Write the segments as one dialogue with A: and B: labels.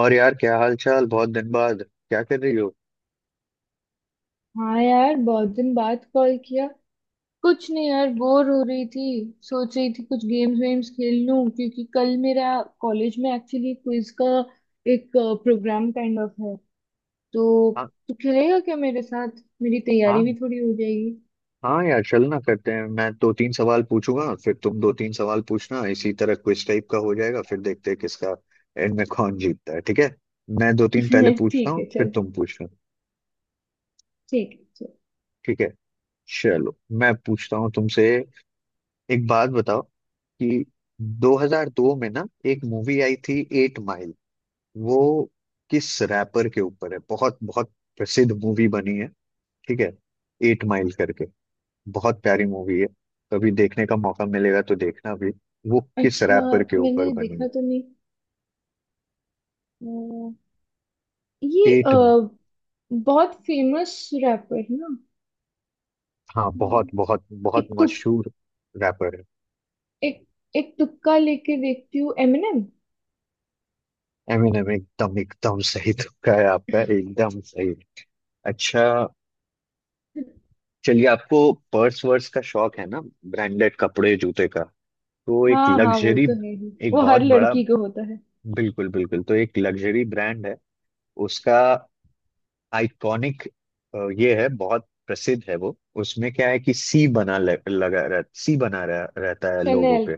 A: और यार, क्या हाल चाल? बहुत दिन बाद क्या कर रही हो?
B: हाँ यार, बहुत दिन बाद कॉल किया। कुछ नहीं यार, बोर हो रही थी। सोच रही थी कुछ गेम्स वेम्स खेल लूं क्योंकि कल मेरा कॉलेज में एक्चुअली क्विज का एक प्रोग्राम काइंड ऑफ है तो
A: हाँ।
B: तू खेलेगा क्या मेरे साथ? मेरी तैयारी भी
A: हाँ।
B: थोड़ी हो जाएगी।
A: हाँ यार चलना करते हैं। मैं दो तीन सवाल पूछूंगा फिर तुम दो तीन सवाल पूछना। इसी तरह क्विज टाइप का हो जाएगा, फिर देखते हैं किसका एंड में कौन जीतता है। ठीक है। मैं दो तीन पहले पूछता
B: ठीक है
A: हूँ फिर
B: चल।
A: तुम पूछना।
B: ठीक है चल।
A: ठीक है। चलो। मैं पूछता हूँ तुमसे। एक बात बताओ कि 2002 में ना, एक मूवी आई थी एट माइल। वो किस रैपर के ऊपर है? बहुत बहुत प्रसिद्ध मूवी बनी है। ठीक है। एट माइल करके। बहुत प्यारी मूवी है। कभी देखने का मौका मिलेगा तो देखना भी। वो किस
B: अच्छा,
A: रैपर के ऊपर
B: मैंने
A: बनी है?
B: देखा तो नहीं। अ, ये अ,
A: एट।
B: बहुत फेमस रैपर है ना?
A: हाँ बहुत
B: हम्म,
A: बहुत बहुत
B: एक तुक
A: मशहूर रैपर है।
B: एक एक तुक्का लेके देखती हूँ, एमिनेम।
A: एमिनेम एकदम एकदम सही तुक्का है आपका। एकदम सही। अच्छा चलिए, आपको पर्स वर्स का शौक है ना? ब्रांडेड कपड़े जूते का। तो एक
B: हाँ हाँ, वो
A: लग्जरी।
B: तो है ही,
A: एक
B: वो
A: बहुत
B: हर
A: बड़ा।
B: लड़की को होता है।
A: बिल्कुल बिल्कुल। तो एक लग्जरी ब्रांड है उसका। आइकॉनिक ये है, बहुत प्रसिद्ध है वो। उसमें क्या है कि सी बना लगा रह, सी बना रह, रहता है लोगों
B: शनेल।
A: पे।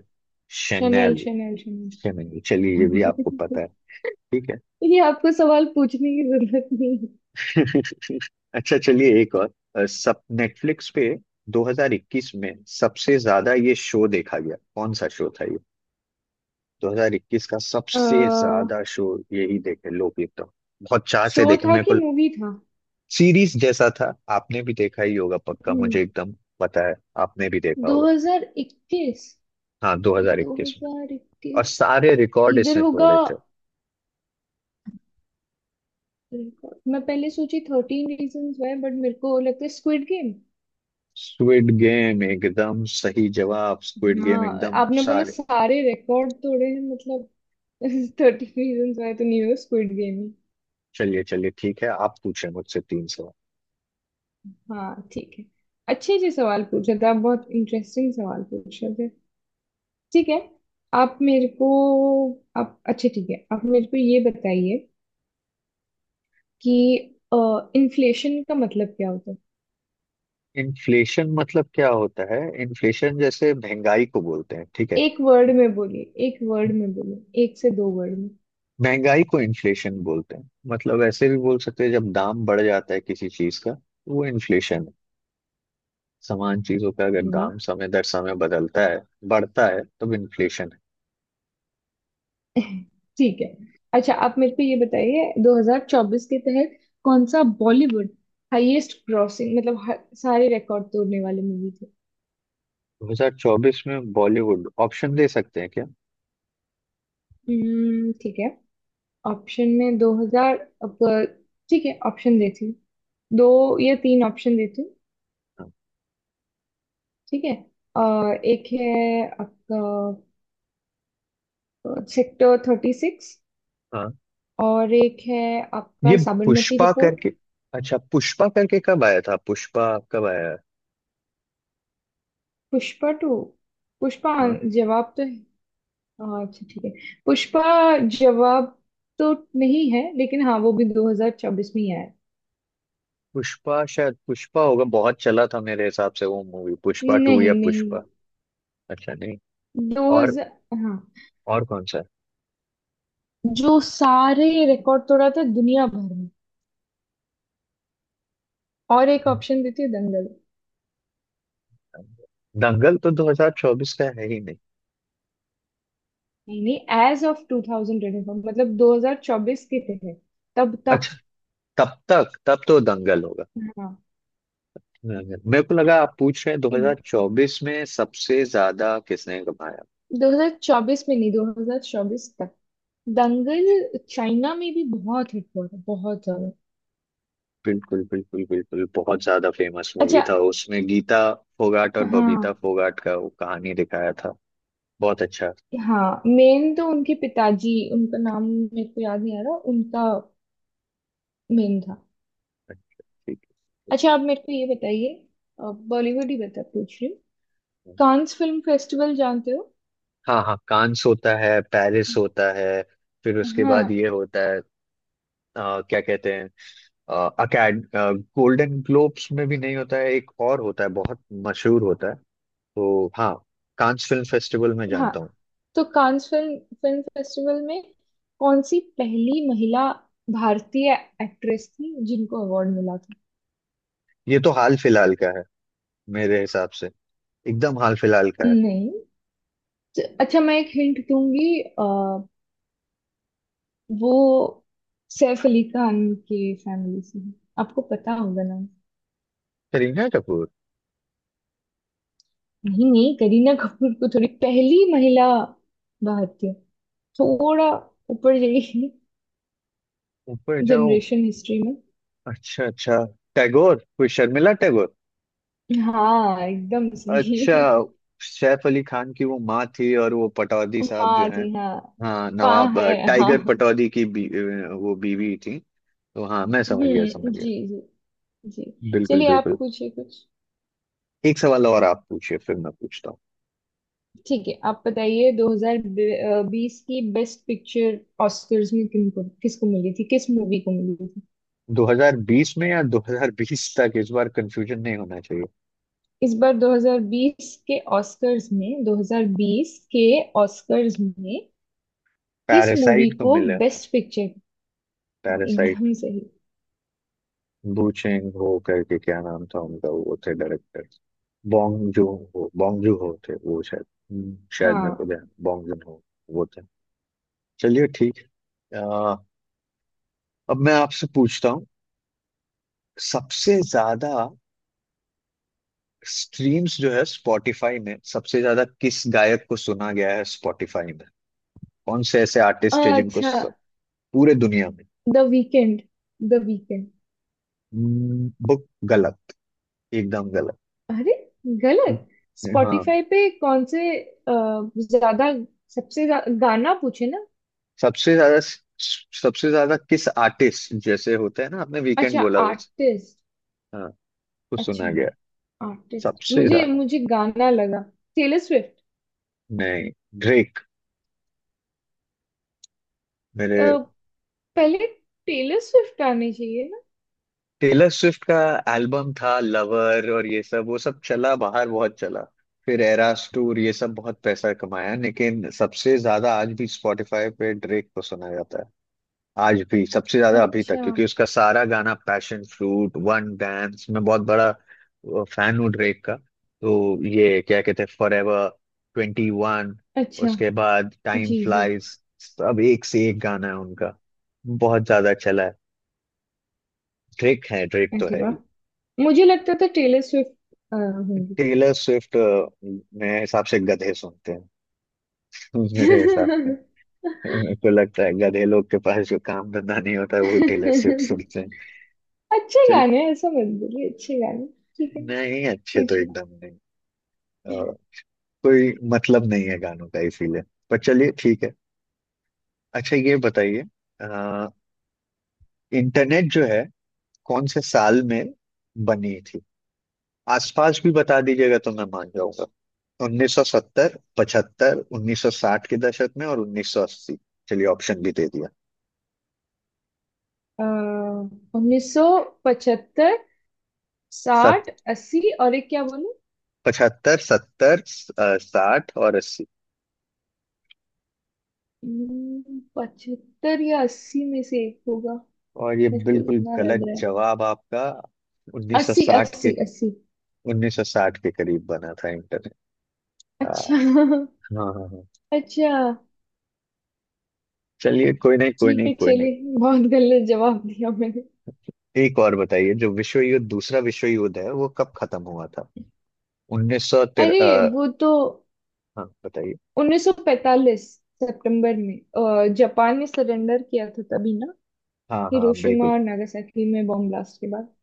B: Chanel
A: Chanel.
B: Chanel Chanel.
A: Chanel चलिए ये भी आपको पता है। ठीक है।
B: ये आपको सवाल पूछने की जरूरत नहीं है।
A: अच्छा चलिए एक और। सब नेटफ्लिक्स पे 2021 में सबसे ज्यादा ये शो देखा गया, कौन सा शो था ये? 2021 का सबसे
B: अह,
A: ज्यादा शो। यही देखे लोग एकदम। बहुत चाह से
B: शो
A: देखे।
B: था
A: मेरे
B: कि
A: को
B: मूवी था?
A: सीरीज जैसा था। आपने भी देखा ही होगा पक्का, मुझे
B: हम्म।
A: एकदम पता है। आपने भी देखा होगा।
B: 2021।
A: हाँ 2021 में। और
B: 2021
A: सारे रिकॉर्ड
B: इधर
A: इसने
B: होगा।
A: तोड़े थे।
B: मैं पहले सोची 13 रीजंस वाई बट मेरे को लगता है स्क्विड गेम।
A: स्क्विड गेम एकदम सही जवाब। स्क्विड गेम
B: हाँ,
A: एकदम
B: आपने बोला
A: सारे।
B: सारे रिकॉर्ड तोड़े हैं मतलब। थर्टीन रीजंस वाई तो नहीं होगा, स्क्विड गेम।
A: चलिए चलिए ठीक है, आप पूछे मुझसे तीन सवाल।
B: हाँ ठीक है। अच्छे से सवाल पूछ रहे थे आप, बहुत इंटरेस्टिंग सवाल पूछ रहे थे। ठीक है। आप मेरे को आप अच्छा ठीक है, आप मेरे को ये बताइए कि इन्फ्लेशन का मतलब क्या होता है?
A: इन्फ्लेशन मतलब क्या होता है? इन्फ्लेशन जैसे महंगाई को बोलते हैं, ठीक है।
B: एक वर्ड में बोलिए, एक वर्ड में बोलिए, एक से दो वर्ड में।
A: महंगाई को इन्फ्लेशन बोलते हैं। मतलब ऐसे भी बोल सकते हैं, जब दाम बढ़ जाता है किसी चीज का तो वो इन्फ्लेशन है। समान चीजों का अगर
B: अरे वाह!
A: दाम समय दर समय बदलता है, बढ़ता है, तब इन्फ्लेशन है।
B: ठीक है। अच्छा, आप मेरे को ये बताइए 2024 के तहत कौन सा बॉलीवुड हाईएस्ट ग्रॉसिंग, मतलब सारे रिकॉर्ड तोड़ने वाली मूवी थी?
A: 2024 में बॉलीवुड? ऑप्शन दे सकते हैं क्या?
B: ठीक है। ऑप्शन में 2000। अब ठीक है, ऑप्शन देती हूँ। दो या तीन ऑप्शन देती हूँ।
A: हाँ।
B: ठीक है। अ, एक है आपका सेक्टर 36।
A: हाँ।
B: और एक है
A: ये
B: आपका साबरमती
A: पुष्पा
B: रिपोर्ट।
A: करके। अच्छा पुष्पा करके कब आया था? पुष्पा कब आया है?
B: पुष्पा टू। पुष्पा
A: हाँ
B: जवाब तो है। हाँ, अच्छा ठीक है। पुष्पा जवाब तो नहीं है, लेकिन हाँ वो भी 2024 में ही आया है।
A: पुष्पा, शायद पुष्पा होगा बहुत चला था मेरे हिसाब से वो मूवी, पुष्पा टू या
B: नहीं नहीं।
A: पुष्पा। अच्छा नहीं। और
B: 2000। हाँ,
A: और कौन सा
B: जो सारे रिकॉर्ड तोड़ा था दुनिया भर में। और एक
A: है?
B: ऑप्शन देती हूँ, दंगल।
A: दंगल तो 2024 का है ही नहीं।
B: नहीं नहीं, एज ऑफ 2024, मतलब 2024 के थे तब तक।
A: अच्छा, तब तक तब तो दंगल होगा।
B: हाँ।
A: मेरे को लगा आप पूछ रहे हैं 2024 में सबसे ज्यादा किसने कमाया।
B: 2024 में नहीं, 2024 तक। दंगल चाइना में भी बहुत हिट हुआ था, बहुत ज्यादा।
A: बिल्कुल बिल्कुल बिल्कुल बहुत ज्यादा फेमस
B: अच्छा।
A: मूवी था। उसमें गीता फोगाट और
B: हाँ
A: बबीता फोगाट का वो कहानी दिखाया था। बहुत अच्छा।
B: हाँ, मेन तो उनके पिताजी, उनका नाम मेरे को याद नहीं आ रहा, उनका मेन था।
A: ठीक
B: अच्छा, आप मेरे को ये बताइए, बॉलीवुड ही बता पूछ रही हूँ।
A: है।
B: कांस फिल्म फेस्टिवल जानते हो?
A: हाँ हाँ कांस होता है, पेरिस होता है, फिर उसके
B: हाँ
A: बाद ये होता है। क्या कहते हैं अकेड, गोल्डन ग्लोब्स में भी नहीं होता है, एक और होता है, बहुत मशहूर होता है। तो हाँ कांस फिल्म फेस्टिवल में
B: हाँ।
A: जानता हूँ।
B: तो कांस फिल्म फिल्म फेस्टिवल में कौन सी पहली महिला भारतीय एक्ट्रेस थी जिनको अवार्ड मिला था?
A: ये तो हाल फिलहाल का है मेरे हिसाब से। एकदम हाल फिलहाल का है।
B: नहीं। अच्छा, मैं एक हिंट दूंगी। वो सैफ अली खान के फैमिली से है। आपको पता होगा नाम।
A: करीना कपूर।
B: नहीं नहीं, करीना कपूर को थोड़ी पहली महिला भारतीय। थोड़ा ऊपर जाइए।
A: ऊपर जाऊं?
B: जनरेशन हिस्ट्री में।
A: अच्छा अच्छा, टैगोर, कोई शर्मिला टैगोर।
B: हाँ एकदम
A: अच्छा
B: सही।
A: सैफ अली खान की वो माँ थी, और वो पटौदी साहब जो
B: माँ
A: हैं,
B: जी हाँ।
A: हाँ
B: पा
A: नवाब
B: है
A: टाइगर
B: हाँ।
A: पटौदी की वो बीवी थी। तो हाँ मैं समझ गया, समझ गया।
B: जी जी। जी।
A: बिल्कुल
B: चलिए, आप
A: बिल्कुल।
B: पूछिए कुछ।
A: एक सवाल और आप पूछिए फिर मैं पूछता हूँ।
B: ठीक है, आप बताइए 2020 की बेस्ट पिक्चर ऑस्कर्स में किनको किसको मिली थी, किस मूवी को मिली थी?
A: 2020 में या 2020 तक? इस बार कंफ्यूजन नहीं होना चाहिए।
B: इस बार 2020 के ऑस्कर्स में, 2020 के ऑस्कर्स में किस मूवी
A: पैरासाइट को
B: को
A: मिला था।
B: Best picture? हाँ
A: पैरासाइट।
B: एकदम सही।
A: बूचेंग हो करके क्या नाम था उनका? वो थे director. Bong Joon Ho. Bong Joon Ho थे वो शायद। शायद, मेरे को
B: हाँ।
A: ध्यान, बॉन्ग जून हो वो थे। चलिए ठीक है, अब मैं आपसे पूछता हूँ। सबसे ज्यादा स्ट्रीम्स जो है स्पॉटिफाई में, सबसे ज्यादा किस गायक को सुना गया है स्पॉटिफाई में? कौन से ऐसे आर्टिस्ट है जिनको
B: अच्छा।
A: पूरे दुनिया
B: द वीकेंड। The Weeknd.
A: में बुक? गलत। एकदम गलत।
B: अरे गलत।
A: हाँ।
B: स्पॉटिफाई पे कौन से ज्यादा, गाना पूछे ना?
A: सबसे ज्यादा, सबसे ज्यादा किस आर्टिस्ट, जैसे होते हैं ना, आपने वीकेंड
B: अच्छा
A: बोला बस।
B: आर्टिस्ट।
A: हाँ वो
B: अच्छा
A: सुना गया।
B: आर्टिस्ट,
A: सबसे
B: मुझे
A: ज्यादा
B: मुझे गाना लगा। Taylor Swift.
A: नहीं, ड्रेक। मेरे,
B: पहले टेलर स्विफ्ट आने चाहिए ना।
A: टेलर स्विफ्ट का एल्बम था लवर और ये सब, वो सब चला बाहर बहुत चला। फिर एरास टूर ये सब बहुत पैसा कमाया, लेकिन सबसे ज्यादा आज भी स्पॉटिफाई पे ड्रेक को सुना जाता है। आज भी सबसे ज्यादा अभी तक,
B: अच्छा।
A: क्योंकि उसका सारा गाना, पैशन फ्रूट, वन डांस, मैं बहुत बड़ा फैन हूँ ड्रेक का। तो ये क्या कहते हैं, फॉर एवर 21।
B: अच्छा।
A: उसके बाद टाइम
B: जी जी।
A: फ्लाइज। सब एक से एक गाना है उनका। बहुत ज्यादा चला है। ड्रेक है, ड्रेक तो
B: अरे
A: है
B: वाह,
A: ही।
B: मुझे लगता था टेलर स्विफ्ट होंगी।
A: टेलर स्विफ्ट मेरे हिसाब से गधे सुनते हैं। मेरे हिसाब से, मेरे को लगता है गधे लोग के पास जो काम धंधा नहीं होता है वो टेलर स्विफ्ट सुनते हैं।
B: अच्छे
A: चल
B: गाने हैं, ऐसा मत बोलिए, अच्छे गाने। ठीक है।
A: नहीं, अच्छे तो एकदम नहीं। कोई मतलब नहीं है गानों का इसीलिए। पर चलिए ठीक है। अच्छा ये बताइए, अ, इंटरनेट जो है कौन से साल में बनी थी? आसपास भी बता दीजिएगा तो मैं मान जाऊंगा। 1970, 75, 1960 के दशक में, और 1980। चलिए ऑप्शन भी दे दिया।
B: 1975,
A: सत
B: साठ, अस्सी और एक क्या बोलूं?
A: 75, 70, 60 और 80।
B: पचहत्तर या अस्सी में से एक होगा,
A: और ये
B: मेरे को
A: बिल्कुल
B: जितना लग
A: गलत
B: रहा है।
A: जवाब आपका।
B: अस्सी
A: 1960 के,
B: अस्सी अस्सी।
A: 1960 के करीब बना था इंटरनेट। हाँ।
B: अच्छा।
A: हाँ हाँ।
B: अच्छा
A: चलिए, कोई नहीं कोई
B: ठीक
A: नहीं
B: है,
A: कोई नहीं।
B: चलिए बहुत गलत जवाब दिया मैंने।
A: एक और बताइए, जो विश्व युद्ध, दूसरा विश्व युद्ध है, वो कब खत्म हुआ था? उन्नीस सौ तिर
B: अरे,
A: अ,
B: वो तो
A: हाँ बताइए।
B: 1945 सितंबर में जापान ने सरेंडर किया था तभी ना।
A: हाँ हाँ, बिल्कुल
B: हिरोशिमा और नागासाकी में बॉम्ब ब्लास्ट के बाद।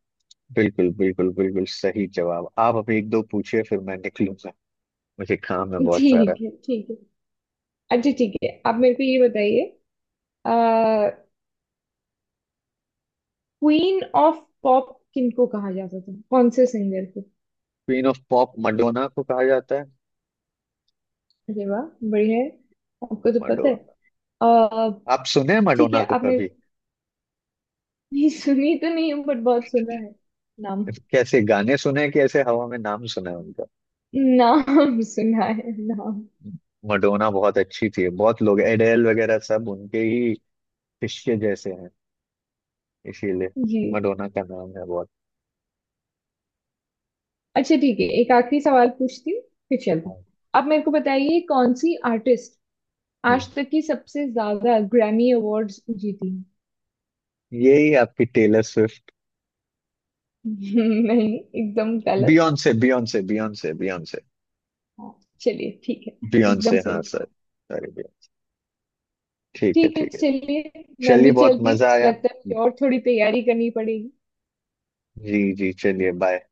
A: बिल्कुल बिल्कुल बिल्कुल सही जवाब। आप अभी एक दो पूछिए फिर मैं निकलूंगा, मुझे काम है बहुत सारा।
B: ठीक है ठीक है। अच्छा ठीक है, आप मेरे को ये बताइए क्वीन ऑफ पॉप किनको कहा जाता था, कौन से सिंगर को?
A: क्वीन ऑफ पॉप मडोना को कहा जाता है।
B: अरे वाह, बढ़िया है, आपको तो पता है।
A: मडोना।
B: अह,
A: आप सुने
B: ठीक
A: मडोना
B: है,
A: को
B: आपने
A: कभी?
B: नहीं सुनी तो नहीं बट बहुत सुना है नाम।
A: कैसे गाने सुने हैं कि ऐसे हवा में नाम सुना है उनका?
B: नाम सुना है नाम।
A: मडोना बहुत अच्छी थी, बहुत लोग एडेल वगैरह सब उनके ही शिष्य जैसे हैं इसीलिए।
B: जी।
A: मडोना का नाम है बहुत।
B: अच्छा ठीक है, एक आखिरी सवाल पूछती हूँ, फिर चलते हैं।
A: हाँ।
B: आप मेरे को बताइए कौन सी आर्टिस्ट
A: हम्म,
B: आज तक की सबसे ज्यादा ग्रैमी अवार्ड्स जीती है?
A: यही आपकी टेलर स्विफ्ट?
B: नहीं, एकदम गलत।
A: Beyonce, Beyonce, Beyonce, Beyonce.
B: हाँ, चलिए ठीक है। एकदम
A: बियॉन्से हाँ,
B: सही।
A: Sir sorry Beyonce. ठीक है
B: ठीक है,
A: ठीक है।
B: चलिए मैं
A: चलिए,
B: भी
A: बहुत
B: चलती
A: मजा
B: हूँ,
A: आया।
B: लगता है मुझे और थोड़ी तैयारी करनी पड़ेगी।
A: जी जी, चलिए, बाय।